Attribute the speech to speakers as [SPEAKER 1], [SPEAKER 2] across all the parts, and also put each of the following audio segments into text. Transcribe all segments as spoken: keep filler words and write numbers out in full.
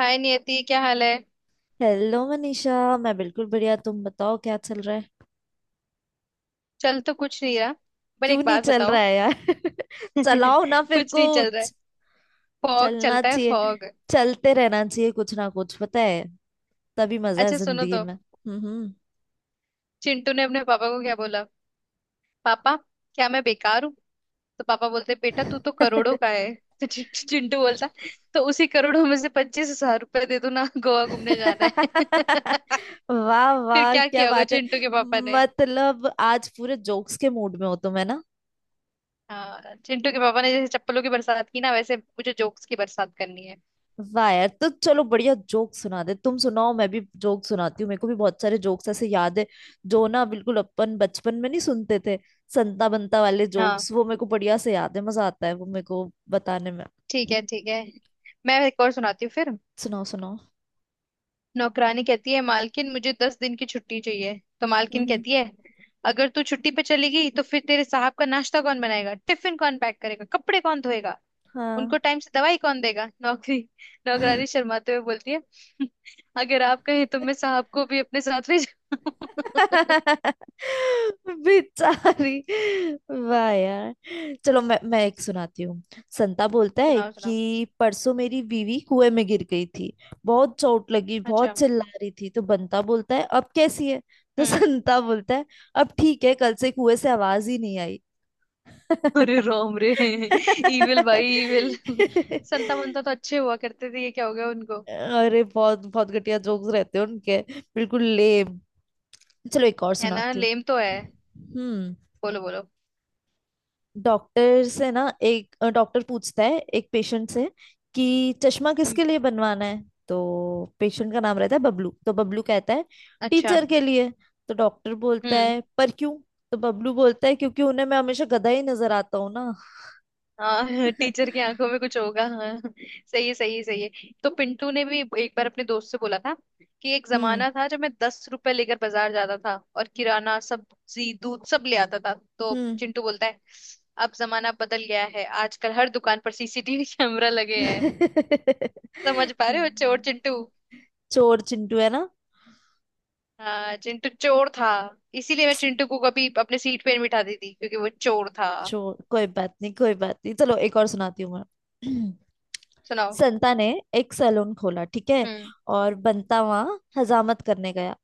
[SPEAKER 1] हाय नियति, क्या हाल है।
[SPEAKER 2] हेलो मनीषा, मैं बिल्कुल बढ़िया। तुम बताओ, क्या चल रहा है?
[SPEAKER 1] चल तो कुछ नहीं रहा। पर
[SPEAKER 2] क्यों
[SPEAKER 1] एक
[SPEAKER 2] नहीं
[SPEAKER 1] बात
[SPEAKER 2] चल
[SPEAKER 1] बताओ।
[SPEAKER 2] रहा है यार? चलाओ ना फिर
[SPEAKER 1] कुछ नहीं चल रहा है।
[SPEAKER 2] कुछ।
[SPEAKER 1] फॉग
[SPEAKER 2] चलना
[SPEAKER 1] चलता है
[SPEAKER 2] चाहिए।
[SPEAKER 1] फॉग।
[SPEAKER 2] चलते रहना चाहिए कुछ ना कुछ, पता है? तभी मजा है
[SPEAKER 1] अच्छा सुनो
[SPEAKER 2] जिंदगी
[SPEAKER 1] तो,
[SPEAKER 2] में। हम्म।
[SPEAKER 1] चिंटू ने अपने पापा को क्या बोला। पापा, क्या मैं बेकार हूँ। तो पापा बोलते बेटा तू तो करोड़ों का है। तो चिं- चिंटू बोलता। तो उसी करोड़ों में से पच्चीस हजार रुपए दे दो ना, गोवा घूमने जाना है।
[SPEAKER 2] वाह
[SPEAKER 1] फिर
[SPEAKER 2] वाह,
[SPEAKER 1] क्या
[SPEAKER 2] क्या
[SPEAKER 1] किया होगा
[SPEAKER 2] बात है।
[SPEAKER 1] चिंटू के पापा ने।
[SPEAKER 2] मतलब आज पूरे जोक्स के मूड में हो तुम, है ना?
[SPEAKER 1] हाँ, चिंटू के पापा ने जैसे चप्पलों की बरसात की ना वैसे मुझे जोक्स की बरसात करनी है।
[SPEAKER 2] वाह यार, तो चलो बढ़िया जोक सुना दे। तुम सुनाओ, मैं भी जोक सुनाती हूँ। मेरे को भी बहुत सारे जोक्स ऐसे याद है जो ना बिल्कुल अपन बचपन में नहीं सुनते थे। संता बंता वाले
[SPEAKER 1] हाँ।
[SPEAKER 2] जोक्स वो मेरे को बढ़िया से याद है। मजा आता है वो मेरे को बताने में।
[SPEAKER 1] ठीक है ठीक है। मैं एक और सुनाती हूँ फिर।
[SPEAKER 2] सुनाओ सुनाओ।
[SPEAKER 1] नौकरानी कहती है मालकिन मुझे दस दिन की छुट्टी चाहिए, तो मालकिन
[SPEAKER 2] हम्म हम्म,
[SPEAKER 1] कहती है। अगर तू छुट्टी पे चली गई तो फिर तेरे साहब का नाश्ता कौन बनाएगा, टिफिन कौन पैक करेगा, कपड़े कौन धोएगा।
[SPEAKER 2] हाँ।
[SPEAKER 1] उनको टाइम से दवाई कौन देगा। नौकरी नौकरानी शर्माते हुए बोलती है। अगर आप कहें तो मैं साहब को भी अपने साथ ले जाऊं।
[SPEAKER 2] बेचारी। वाह यार। चलो मैं मैं एक सुनाती हूँ। संता बोलता है
[SPEAKER 1] सुनाओ
[SPEAKER 2] कि
[SPEAKER 1] सुनाओ।
[SPEAKER 2] परसों मेरी बीवी कुएं में गिर गई थी। बहुत चोट लगी,
[SPEAKER 1] अच्छा।
[SPEAKER 2] बहुत चिल्ला रही थी। तो बंता बोलता है, अब कैसी है? तो
[SPEAKER 1] हम्म।
[SPEAKER 2] संता बोलता है, अब ठीक है, कल से कुएं से आवाज ही नहीं आई।
[SPEAKER 1] अरे राम रे। इविल भाई इविल। संता मंता तो अच्छे हुआ करते थे, ये क्या हो गया उनको।
[SPEAKER 2] अरे बहुत बहुत घटिया जोक्स रहते हैं उनके। बिल्कुल लेम। चलो एक और
[SPEAKER 1] है ना,
[SPEAKER 2] सुनाती हूँ।
[SPEAKER 1] लेम तो है।
[SPEAKER 2] हम्म।
[SPEAKER 1] बोलो बोलो।
[SPEAKER 2] डॉक्टर से ना एक अ, डॉक्टर पूछता है एक पेशेंट से कि चश्मा
[SPEAKER 1] हम्म।
[SPEAKER 2] किसके लिए बनवाना है। तो पेशेंट का नाम रहता है बबलू। तो बबलू कहता है,
[SPEAKER 1] अच्छा।
[SPEAKER 2] टीचर के लिए। तो डॉक्टर बोलता
[SPEAKER 1] हम्म।
[SPEAKER 2] है, पर क्यों? तो बबलू बोलता है, क्योंकि उन्हें मैं हमेशा गधा ही नजर आता हूँ ना।
[SPEAKER 1] हाँ। टीचर की आंखों में कुछ होगा, हाँ। सही है, सही है, सही है। तो पिंटू ने भी एक बार अपने दोस्त से बोला था कि एक
[SPEAKER 2] हम्म
[SPEAKER 1] जमाना था जब मैं दस रुपए लेकर बाजार जाता था और किराना सब्जी दूध सब ले आता था। तो
[SPEAKER 2] हम्म।
[SPEAKER 1] चिंटू बोलता है, अब जमाना बदल गया है, आजकल हर दुकान पर सीसीटीवी कैमरा लगे हैं। समझ पा रहे हो, चोर चिंटू।
[SPEAKER 2] चोर चिंटू, है ना?
[SPEAKER 1] हाँ, चिंटू चोर था। इसीलिए मैं चिंटू को कभी अपने सीट पे नहीं बिठाती थी, क्योंकि वो चोर था।
[SPEAKER 2] चोर, कोई बात नहीं, कोई बात नहीं। चलो एक और सुनाती हूँ मैं।
[SPEAKER 1] सुनाओ।
[SPEAKER 2] संता ने एक सैलून खोला, ठीक है,
[SPEAKER 1] हम्म।
[SPEAKER 2] और बंता वहां हजामत करने गया।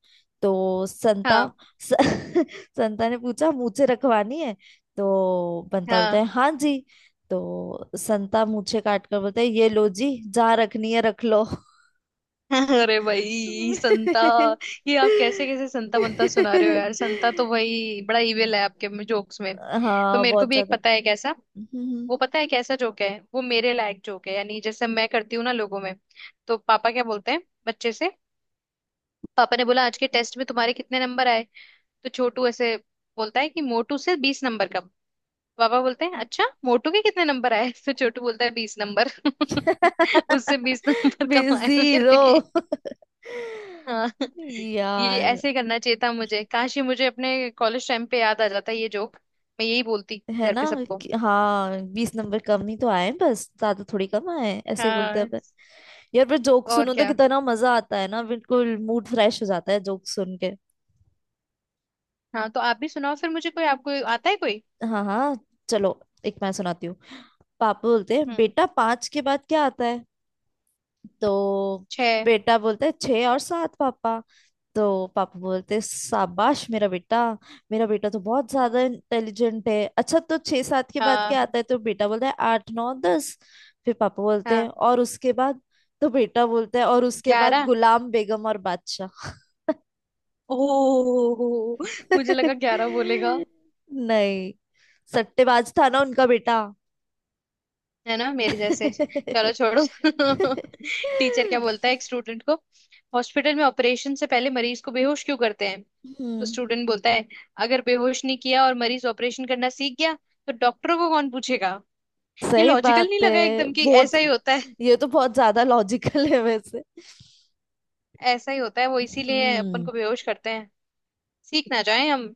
[SPEAKER 2] तो संता
[SPEAKER 1] हाँ
[SPEAKER 2] स, संता ने पूछा, मूछें रखवानी है? तो बंता बोलता
[SPEAKER 1] हाँ।
[SPEAKER 2] है, हाँ जी। तो संता मूछें काट कर बोलता है, ये लो जी, जहाँ रखनी है रख लो।
[SPEAKER 1] अरे भाई संता। ये आप कैसे कैसे संता बनता सुना रहे हो यार, संता तो भाई बड़ा इविल है आपके में जोक्स में। तो
[SPEAKER 2] हाँ,
[SPEAKER 1] मेरे को
[SPEAKER 2] बहुत
[SPEAKER 1] भी एक
[SPEAKER 2] ज्यादा।
[SPEAKER 1] पता है, कैसा।
[SPEAKER 2] हम्म।
[SPEAKER 1] वो पता है कैसा जोक है, वो मेरे लायक जोक है, यानी जैसे मैं करती हूँ ना लोगों में। तो पापा क्या बोलते हैं बच्चे से। पापा ने बोला, आज के टेस्ट में तुम्हारे कितने नंबर आए। तो छोटू ऐसे बोलता है कि मोटू से बीस नंबर कम। पापा बोलते हैं अच्छा मोटू के कितने नंबर आए। तो छोटू बोलता है बीस नंबर। उससे बीस नंबर कम आए
[SPEAKER 2] बिजी रो।
[SPEAKER 1] मेरे। हाँ। ये
[SPEAKER 2] यार,
[SPEAKER 1] ऐसे करना चाहिए था मुझे, काश ये मुझे अपने कॉलेज टाइम पे याद आ जाता ये जोक। मैं यही बोलती
[SPEAKER 2] है
[SPEAKER 1] घर
[SPEAKER 2] ना?
[SPEAKER 1] पे सबको।
[SPEAKER 2] कि- हाँ, बीस नंबर कम ही तो आए हैं, बस, ज्यादा थोड़ी कम आए हैं। ऐसे ही बोलते हैं
[SPEAKER 1] हाँ।
[SPEAKER 2] अपन। यार, पर जोक
[SPEAKER 1] और
[SPEAKER 2] सुनो तो
[SPEAKER 1] क्या।
[SPEAKER 2] कितना मजा आता है ना। बिल्कुल मूड फ्रेश हो जाता है जोक सुन के।
[SPEAKER 1] हाँ तो आप भी सुनाओ फिर मुझे, कोई आपको आता है कोई।
[SPEAKER 2] हाँ हाँ। चलो एक मैं सुनाती हूँ। पापा बोलते हैं,
[SPEAKER 1] हम्म।
[SPEAKER 2] बेटा पाँच के बाद क्या आता है? तो
[SPEAKER 1] छह।
[SPEAKER 2] बेटा बोलता है, छः और सात पापा। तो पापा बोलते, शाबाश मेरा बेटा, मेरा बेटा तो बहुत
[SPEAKER 1] हम्म।
[SPEAKER 2] ज्यादा इंटेलिजेंट है। अच्छा, तो छह सात के बाद
[SPEAKER 1] हाँ।
[SPEAKER 2] क्या आता है? तो बेटा बोलता है, आठ नौ दस। फिर पापा बोलते हैं,
[SPEAKER 1] हाँ
[SPEAKER 2] और उसके बाद? तो बेटा बोलता है, और उसके बाद
[SPEAKER 1] ग्यारह।
[SPEAKER 2] गुलाम बेगम और बादशाह।
[SPEAKER 1] ओह, मुझे लगा ग्यारह बोलेगा।
[SPEAKER 2] नहीं। सट्टेबाज था ना उनका बेटा।
[SPEAKER 1] है ना, मेरे जैसे।
[SPEAKER 2] हम्म।
[SPEAKER 1] चलो छोड़ो। टीचर क्या बोलता है एक स्टूडेंट को, हॉस्पिटल में ऑपरेशन से पहले मरीज को बेहोश क्यों करते हैं। तो स्टूडेंट बोलता है, अगर बेहोश नहीं किया और मरीज ऑपरेशन करना सीख गया तो डॉक्टरों को कौन पूछेगा। ये
[SPEAKER 2] सही
[SPEAKER 1] लॉजिकल
[SPEAKER 2] बात
[SPEAKER 1] नहीं लगा
[SPEAKER 2] है।
[SPEAKER 1] एकदम कि
[SPEAKER 2] बहुत।
[SPEAKER 1] ऐसा ही होता है।
[SPEAKER 2] ये तो बहुत ज्यादा लॉजिकल है वैसे।
[SPEAKER 1] ऐसा ही होता है वो, इसीलिए अपन
[SPEAKER 2] हम्म।
[SPEAKER 1] को बेहोश करते हैं, सीख ना जाए हम।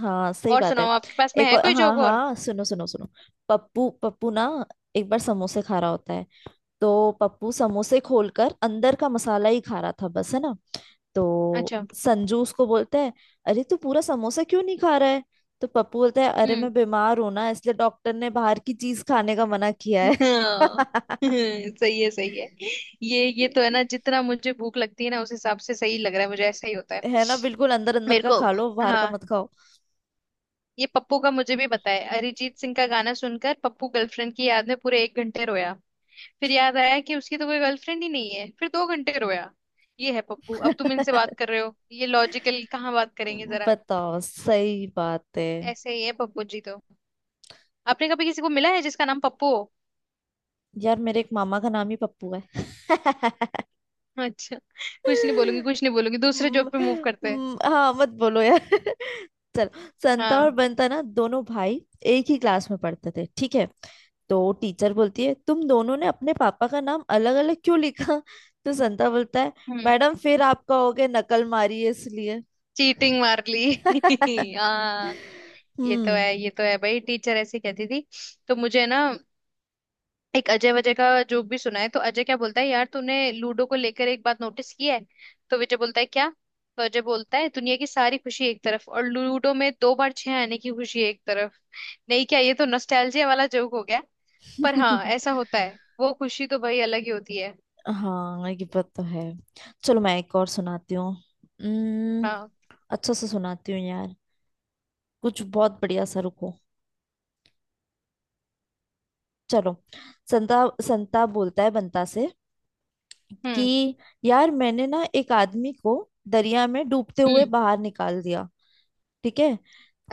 [SPEAKER 2] हाँ सही
[SPEAKER 1] और
[SPEAKER 2] बात है।
[SPEAKER 1] सुनाओ, आपके पास में
[SPEAKER 2] एक
[SPEAKER 1] है
[SPEAKER 2] और,
[SPEAKER 1] कोई
[SPEAKER 2] हाँ
[SPEAKER 1] जोक और।
[SPEAKER 2] हाँ, सुनो सुनो सुनो। पप्पू, पप्पू ना एक बार समोसे खा रहा होता है। तो पप्पू समोसे खोलकर अंदर का मसाला ही खा रहा था बस, है ना? तो
[SPEAKER 1] अच्छा।
[SPEAKER 2] संजू उसको बोलता है, अरे तू पूरा समोसा क्यों नहीं खा रहा है? तो पप्पू बोलता है, अरे
[SPEAKER 1] हम्म।
[SPEAKER 2] मैं बीमार हूं ना, इसलिए डॉक्टर ने बाहर की चीज खाने का मना किया है।
[SPEAKER 1] हाँ। सही है, सही है। ये ये तो है ना, जितना मुझे भूख लगती है ना उस हिसाब से सही लग रहा है मुझे। ऐसा ही होता है
[SPEAKER 2] है ना? बिल्कुल, अंदर अंदर
[SPEAKER 1] मेरे
[SPEAKER 2] का
[SPEAKER 1] को।
[SPEAKER 2] खा लो, बाहर का
[SPEAKER 1] हाँ।
[SPEAKER 2] मत खाओ।
[SPEAKER 1] ये पप्पू का मुझे भी बताया। अरिजीत सिंह का गाना सुनकर पप्पू गर्लफ्रेंड की याद में पूरे एक घंटे रोया। फिर याद आया कि उसकी तो कोई गर्लफ्रेंड ही नहीं है, फिर दो घंटे रोया। ये है पप्पू। अब तुम इनसे बात कर रहे हो, ये लॉजिकल कहाँ बात करेंगे जरा।
[SPEAKER 2] बताओ, सही बात है।
[SPEAKER 1] ऐसे ही है पप्पू जी तो। आपने कभी किसी को मिला है जिसका नाम पप्पू हो।
[SPEAKER 2] यार, मेरे एक मामा का नाम ही पप्पू है।
[SPEAKER 1] अच्छा। कुछ नहीं बोलूंगी, कुछ नहीं बोलूंगी। दूसरे जॉब
[SPEAKER 2] म-
[SPEAKER 1] पे मूव करते हैं।
[SPEAKER 2] म- हाँ मत बोलो यार। चलो, संता और
[SPEAKER 1] हाँ।
[SPEAKER 2] बंता ना दोनों भाई एक ही क्लास में पढ़ते थे, ठीक है? तो टीचर बोलती है, तुम दोनों ने अपने पापा का नाम अलग अलग क्यों लिखा? तो संता बोलता है,
[SPEAKER 1] हम्म।
[SPEAKER 2] मैडम फिर आप कहोगे नकल मारी है इसलिए।
[SPEAKER 1] चीटिंग मार ली। हाँ। ये तो
[SPEAKER 2] हम्म।
[SPEAKER 1] है, ये तो है भाई। टीचर ऐसे कहती थी। तो मुझे ना एक अजय वजय का जोक भी सुना है। तो अजय क्या बोलता है यार, तूने लूडो को लेकर एक बात नोटिस की है। तो विजय बोलता है क्या। तो अजय बोलता है दुनिया की सारी खुशी एक तरफ और लूडो में दो बार छह आने की खुशी एक तरफ। नहीं क्या, ये तो नॉस्टैल्जिया वाला जोक हो गया। पर हाँ ऐसा होता है, वो खुशी तो भाई अलग ही होती है।
[SPEAKER 2] हाँ ये बात तो है। चलो मैं एक और सुनाती हूँ। हम्म,
[SPEAKER 1] हाँ।
[SPEAKER 2] अच्छा से सुनाती हूँ यार, कुछ बहुत बढ़िया सा, रुको। चलो, संता संताप बोलता है बंता से
[SPEAKER 1] हम्म।
[SPEAKER 2] कि यार मैंने ना एक आदमी को दरिया में डूबते हुए
[SPEAKER 1] हम्म।
[SPEAKER 2] बाहर निकाल दिया, ठीक है?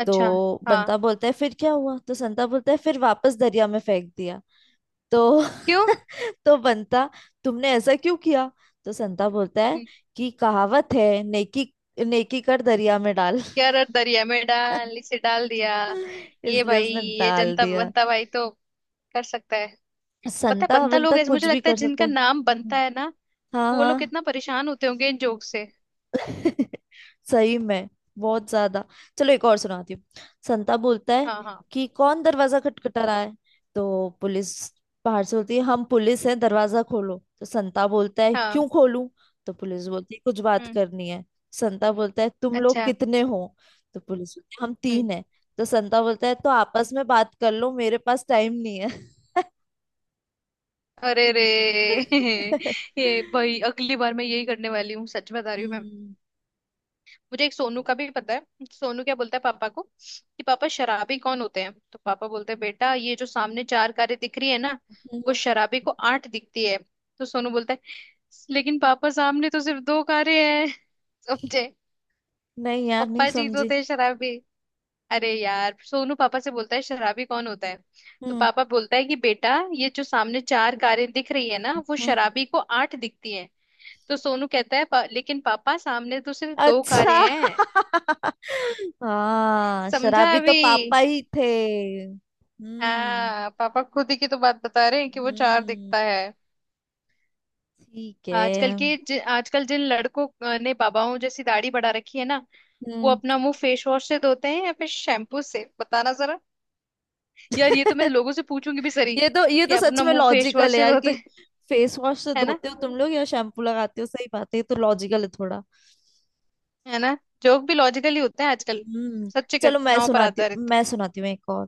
[SPEAKER 1] अच्छा।
[SPEAKER 2] तो
[SPEAKER 1] हाँ।
[SPEAKER 2] बंता बोलता है, फिर क्या हुआ? तो संता बोलता है, फिर वापस दरिया में फेंक दिया। तो
[SPEAKER 1] क्यों।
[SPEAKER 2] तो बंता, तुमने ऐसा क्यों किया? तो संता बोलता है कि कहावत है, नेकी नेकी कर दरिया में डाल।
[SPEAKER 1] क्या, रर दरिया में डाल, इसे डाल दिया। ये
[SPEAKER 2] इसलिए
[SPEAKER 1] भाई
[SPEAKER 2] उसने
[SPEAKER 1] ये
[SPEAKER 2] डाल
[SPEAKER 1] जनता
[SPEAKER 2] दिया।
[SPEAKER 1] बनता भाई तो कर सकता है। पता है
[SPEAKER 2] संता
[SPEAKER 1] बनता
[SPEAKER 2] बंता
[SPEAKER 1] लोग ऐसे मुझे
[SPEAKER 2] कुछ भी
[SPEAKER 1] लगता है,
[SPEAKER 2] कर सकते
[SPEAKER 1] जिनका
[SPEAKER 2] हैं।
[SPEAKER 1] नाम बनता है ना
[SPEAKER 2] हाँ
[SPEAKER 1] वो लोग
[SPEAKER 2] हाँ।
[SPEAKER 1] कितना परेशान होते होंगे इन जोक से।
[SPEAKER 2] सही में, बहुत ज्यादा। चलो एक और सुनाती हूँ। संता बोलता है,
[SPEAKER 1] हाँ हाँ।
[SPEAKER 2] कि कौन दरवाजा खटखटा रहा है? तो पुलिस बाहर से बोलती है, हम पुलिस हैं, दरवाजा खोलो। तो संता बोलता है,
[SPEAKER 1] हाँ।
[SPEAKER 2] क्यों खोलूं? तो पुलिस बोलती है, कुछ बात
[SPEAKER 1] हम्म।
[SPEAKER 2] करनी है। संता बोलता है, तुम लोग
[SPEAKER 1] अच्छा।
[SPEAKER 2] कितने हो? तो पुलिस बोलती है, हम
[SPEAKER 1] हम्म।
[SPEAKER 2] तीन हैं। तो संता बोलता है, तो आपस में बात कर लो, मेरे पास टाइम नहीं है।
[SPEAKER 1] अरे रे। ये भाई अगली बार मैं यही करने वाली हूँ, सच बता रही हूँ मैं।
[SPEAKER 2] हम्म
[SPEAKER 1] मुझे एक सोनू का भी पता है। सोनू क्या बोलता है पापा को कि, पापा शराबी कौन होते हैं। तो पापा बोलते हैं बेटा, ये जो सामने चार कारें दिख रही है ना वो
[SPEAKER 2] हम्म,
[SPEAKER 1] शराबी को आठ दिखती है। तो सोनू बोलता है, लेकिन पापा सामने तो सिर्फ दो कारें हैं। समझे।
[SPEAKER 2] नहीं यार, नहीं
[SPEAKER 1] पप्पा जी तो
[SPEAKER 2] समझी।
[SPEAKER 1] थे शराबी। अरे यार, सोनू पापा से बोलता है शराबी कौन होता है। तो
[SPEAKER 2] हम्म
[SPEAKER 1] पापा बोलता है कि बेटा, ये जो सामने चार कारें दिख रही है ना वो
[SPEAKER 2] हम्म।
[SPEAKER 1] शराबी को आठ दिखती हैं। तो सोनू कहता है, "पा- लेकिन पापा सामने तो सिर्फ दो कारें
[SPEAKER 2] अच्छा।
[SPEAKER 1] हैं।
[SPEAKER 2] हाँ
[SPEAKER 1] समझा
[SPEAKER 2] शराबी तो
[SPEAKER 1] अभी।
[SPEAKER 2] पापा ही थे। हम्म।
[SPEAKER 1] हाँ, पापा खुद ही की तो बात बता रहे हैं कि वो चार
[SPEAKER 2] हम्म,
[SPEAKER 1] दिखता है।
[SPEAKER 2] ठीक
[SPEAKER 1] आजकल के
[SPEAKER 2] है।
[SPEAKER 1] जि, आजकल जिन लड़कों ने बाबाओं जैसी दाढ़ी बढ़ा रखी है ना, वो
[SPEAKER 2] हम्म।
[SPEAKER 1] अपना मुंह फेस वॉश से धोते हैं या फिर शैम्पू से, बताना जरा। यार ये तो मैं लोगों से पूछूंगी भी सरी,
[SPEAKER 2] ये तो ये
[SPEAKER 1] कि
[SPEAKER 2] तो
[SPEAKER 1] आप
[SPEAKER 2] सच
[SPEAKER 1] अपना
[SPEAKER 2] में
[SPEAKER 1] मुंह फेस
[SPEAKER 2] लॉजिकल
[SPEAKER 1] वॉश
[SPEAKER 2] है
[SPEAKER 1] से
[SPEAKER 2] यार
[SPEAKER 1] धोते
[SPEAKER 2] कि
[SPEAKER 1] हैं।
[SPEAKER 2] फेस वॉश से
[SPEAKER 1] है ना।
[SPEAKER 2] धोते हो तुम लोग या शैम्पू लगाते हो। सही बात है, ये तो लॉजिकल है थोड़ा।
[SPEAKER 1] है ना। जोक भी लॉजिकल ही होते हैं आजकल,
[SPEAKER 2] हम्म।
[SPEAKER 1] सच्ची
[SPEAKER 2] चलो मैं
[SPEAKER 1] घटनाओं पर
[SPEAKER 2] सुनाती हूँ,
[SPEAKER 1] आधारित।
[SPEAKER 2] मैं सुनाती हूँ एक और।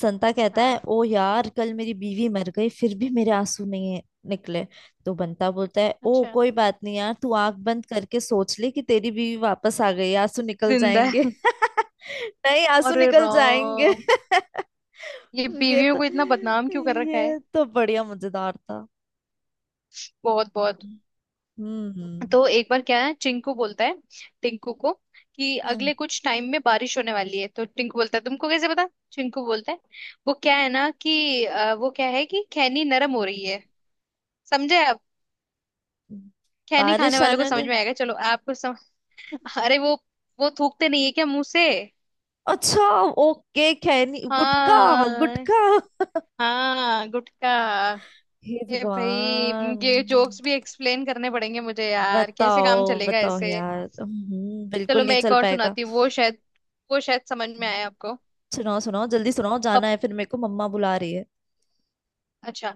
[SPEAKER 2] संता कहता है,
[SPEAKER 1] हाँ।
[SPEAKER 2] ओ यार, कल मेरी बीवी मर गई, फिर भी मेरे आंसू नहीं है- निकले। तो बंता बोलता है, ओ
[SPEAKER 1] अच्छा।
[SPEAKER 2] कोई बात नहीं यार, तू आंख बंद करके सोच ले कि तेरी बीवी वापस आ गई, आंसू निकल
[SPEAKER 1] जिंदा
[SPEAKER 2] जाएंगे।
[SPEAKER 1] है।
[SPEAKER 2] नहीं, आंसू
[SPEAKER 1] अरे
[SPEAKER 2] निकल जाएंगे।
[SPEAKER 1] राम। ये
[SPEAKER 2] ये
[SPEAKER 1] बीवियों
[SPEAKER 2] तो
[SPEAKER 1] को इतना बदनाम क्यों कर रखा है।
[SPEAKER 2] ये तो बढ़िया मजेदार था।
[SPEAKER 1] बहुत बहुत।
[SPEAKER 2] हम्म।
[SPEAKER 1] तो एक बार क्या है चिंकू बोलता है टिंकू को कि
[SPEAKER 2] हम्म।
[SPEAKER 1] अगले कुछ टाइम में बारिश होने वाली है। तो टिंकू बोलता है तुमको कैसे पता। चिंकू बोलता है, वो क्या है ना कि अ, वो क्या है कि खैनी नरम हो रही है। समझे आप। खैनी खाने
[SPEAKER 2] बारिश
[SPEAKER 1] वालों को
[SPEAKER 2] आने
[SPEAKER 1] समझ
[SPEAKER 2] दे।
[SPEAKER 1] में आएगा। चलो आपको सम... अरे वो, वो थूकते नहीं है क्या मुंह से।
[SPEAKER 2] अच्छा, ओके, खैनी गुटका।
[SPEAKER 1] हाँ।
[SPEAKER 2] गुटका।
[SPEAKER 1] हाँ गुटखा।
[SPEAKER 2] हे
[SPEAKER 1] ये भाई,
[SPEAKER 2] भगवान।
[SPEAKER 1] ये जोक्स भी एक्सप्लेन करने पड़ेंगे मुझे यार, कैसे काम
[SPEAKER 2] बताओ
[SPEAKER 1] चलेगा
[SPEAKER 2] बताओ
[SPEAKER 1] ऐसे।
[SPEAKER 2] यार। हम्म, बिल्कुल
[SPEAKER 1] चलो
[SPEAKER 2] नहीं
[SPEAKER 1] मैं एक
[SPEAKER 2] चल
[SPEAKER 1] और
[SPEAKER 2] पाएगा।
[SPEAKER 1] सुनाती हूँ। वो शायद वो शायद समझ में आए आपको।
[SPEAKER 2] सुनाओ सुनाओ, जल्दी सुनाओ, जाना
[SPEAKER 1] पप
[SPEAKER 2] है फिर मेरे को, मम्मा बुला रही है।
[SPEAKER 1] अच्छा।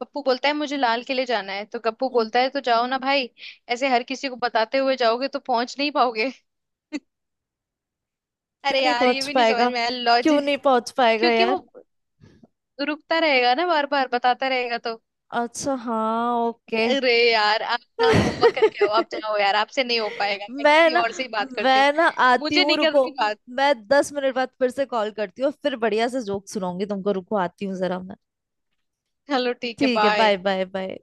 [SPEAKER 1] पप्पू बोलता है मुझे लाल किले जाना है। तो गप्पू
[SPEAKER 2] हम्म,
[SPEAKER 1] बोलता है तो जाओ ना भाई, ऐसे हर किसी को बताते हुए जाओगे तो पहुंच नहीं पाओगे।
[SPEAKER 2] क्यों
[SPEAKER 1] अरे
[SPEAKER 2] नहीं
[SPEAKER 1] यार, ये
[SPEAKER 2] पहुंच
[SPEAKER 1] भी नहीं समझ
[SPEAKER 2] पाएगा?
[SPEAKER 1] में आया
[SPEAKER 2] क्यों
[SPEAKER 1] लॉजिक।
[SPEAKER 2] नहीं पहुंच पाएगा
[SPEAKER 1] क्योंकि वो
[SPEAKER 2] यार?
[SPEAKER 1] रुकता रहेगा ना, बार बार बताता रहेगा तो।
[SPEAKER 2] अच्छा, हाँ ओके।
[SPEAKER 1] अरे यार, आप ना होमवर्क करके आओ। आप जाओ यार, आपसे नहीं हो पाएगा। मैं
[SPEAKER 2] मैं
[SPEAKER 1] किसी
[SPEAKER 2] ना,
[SPEAKER 1] और से ही बात करती हूँ।
[SPEAKER 2] मैं ना आती
[SPEAKER 1] मुझे
[SPEAKER 2] हूँ
[SPEAKER 1] नहीं
[SPEAKER 2] रुको।
[SPEAKER 1] करनी बात।
[SPEAKER 2] मैं दस मिनट बाद फिर से कॉल करती हूँ, फिर बढ़िया से जोक सुनाऊंगी तुमको। रुको, आती हूँ जरा मैं।
[SPEAKER 1] चलो ठीक है,
[SPEAKER 2] ठीक है, बाय
[SPEAKER 1] बाय।
[SPEAKER 2] Bye bye.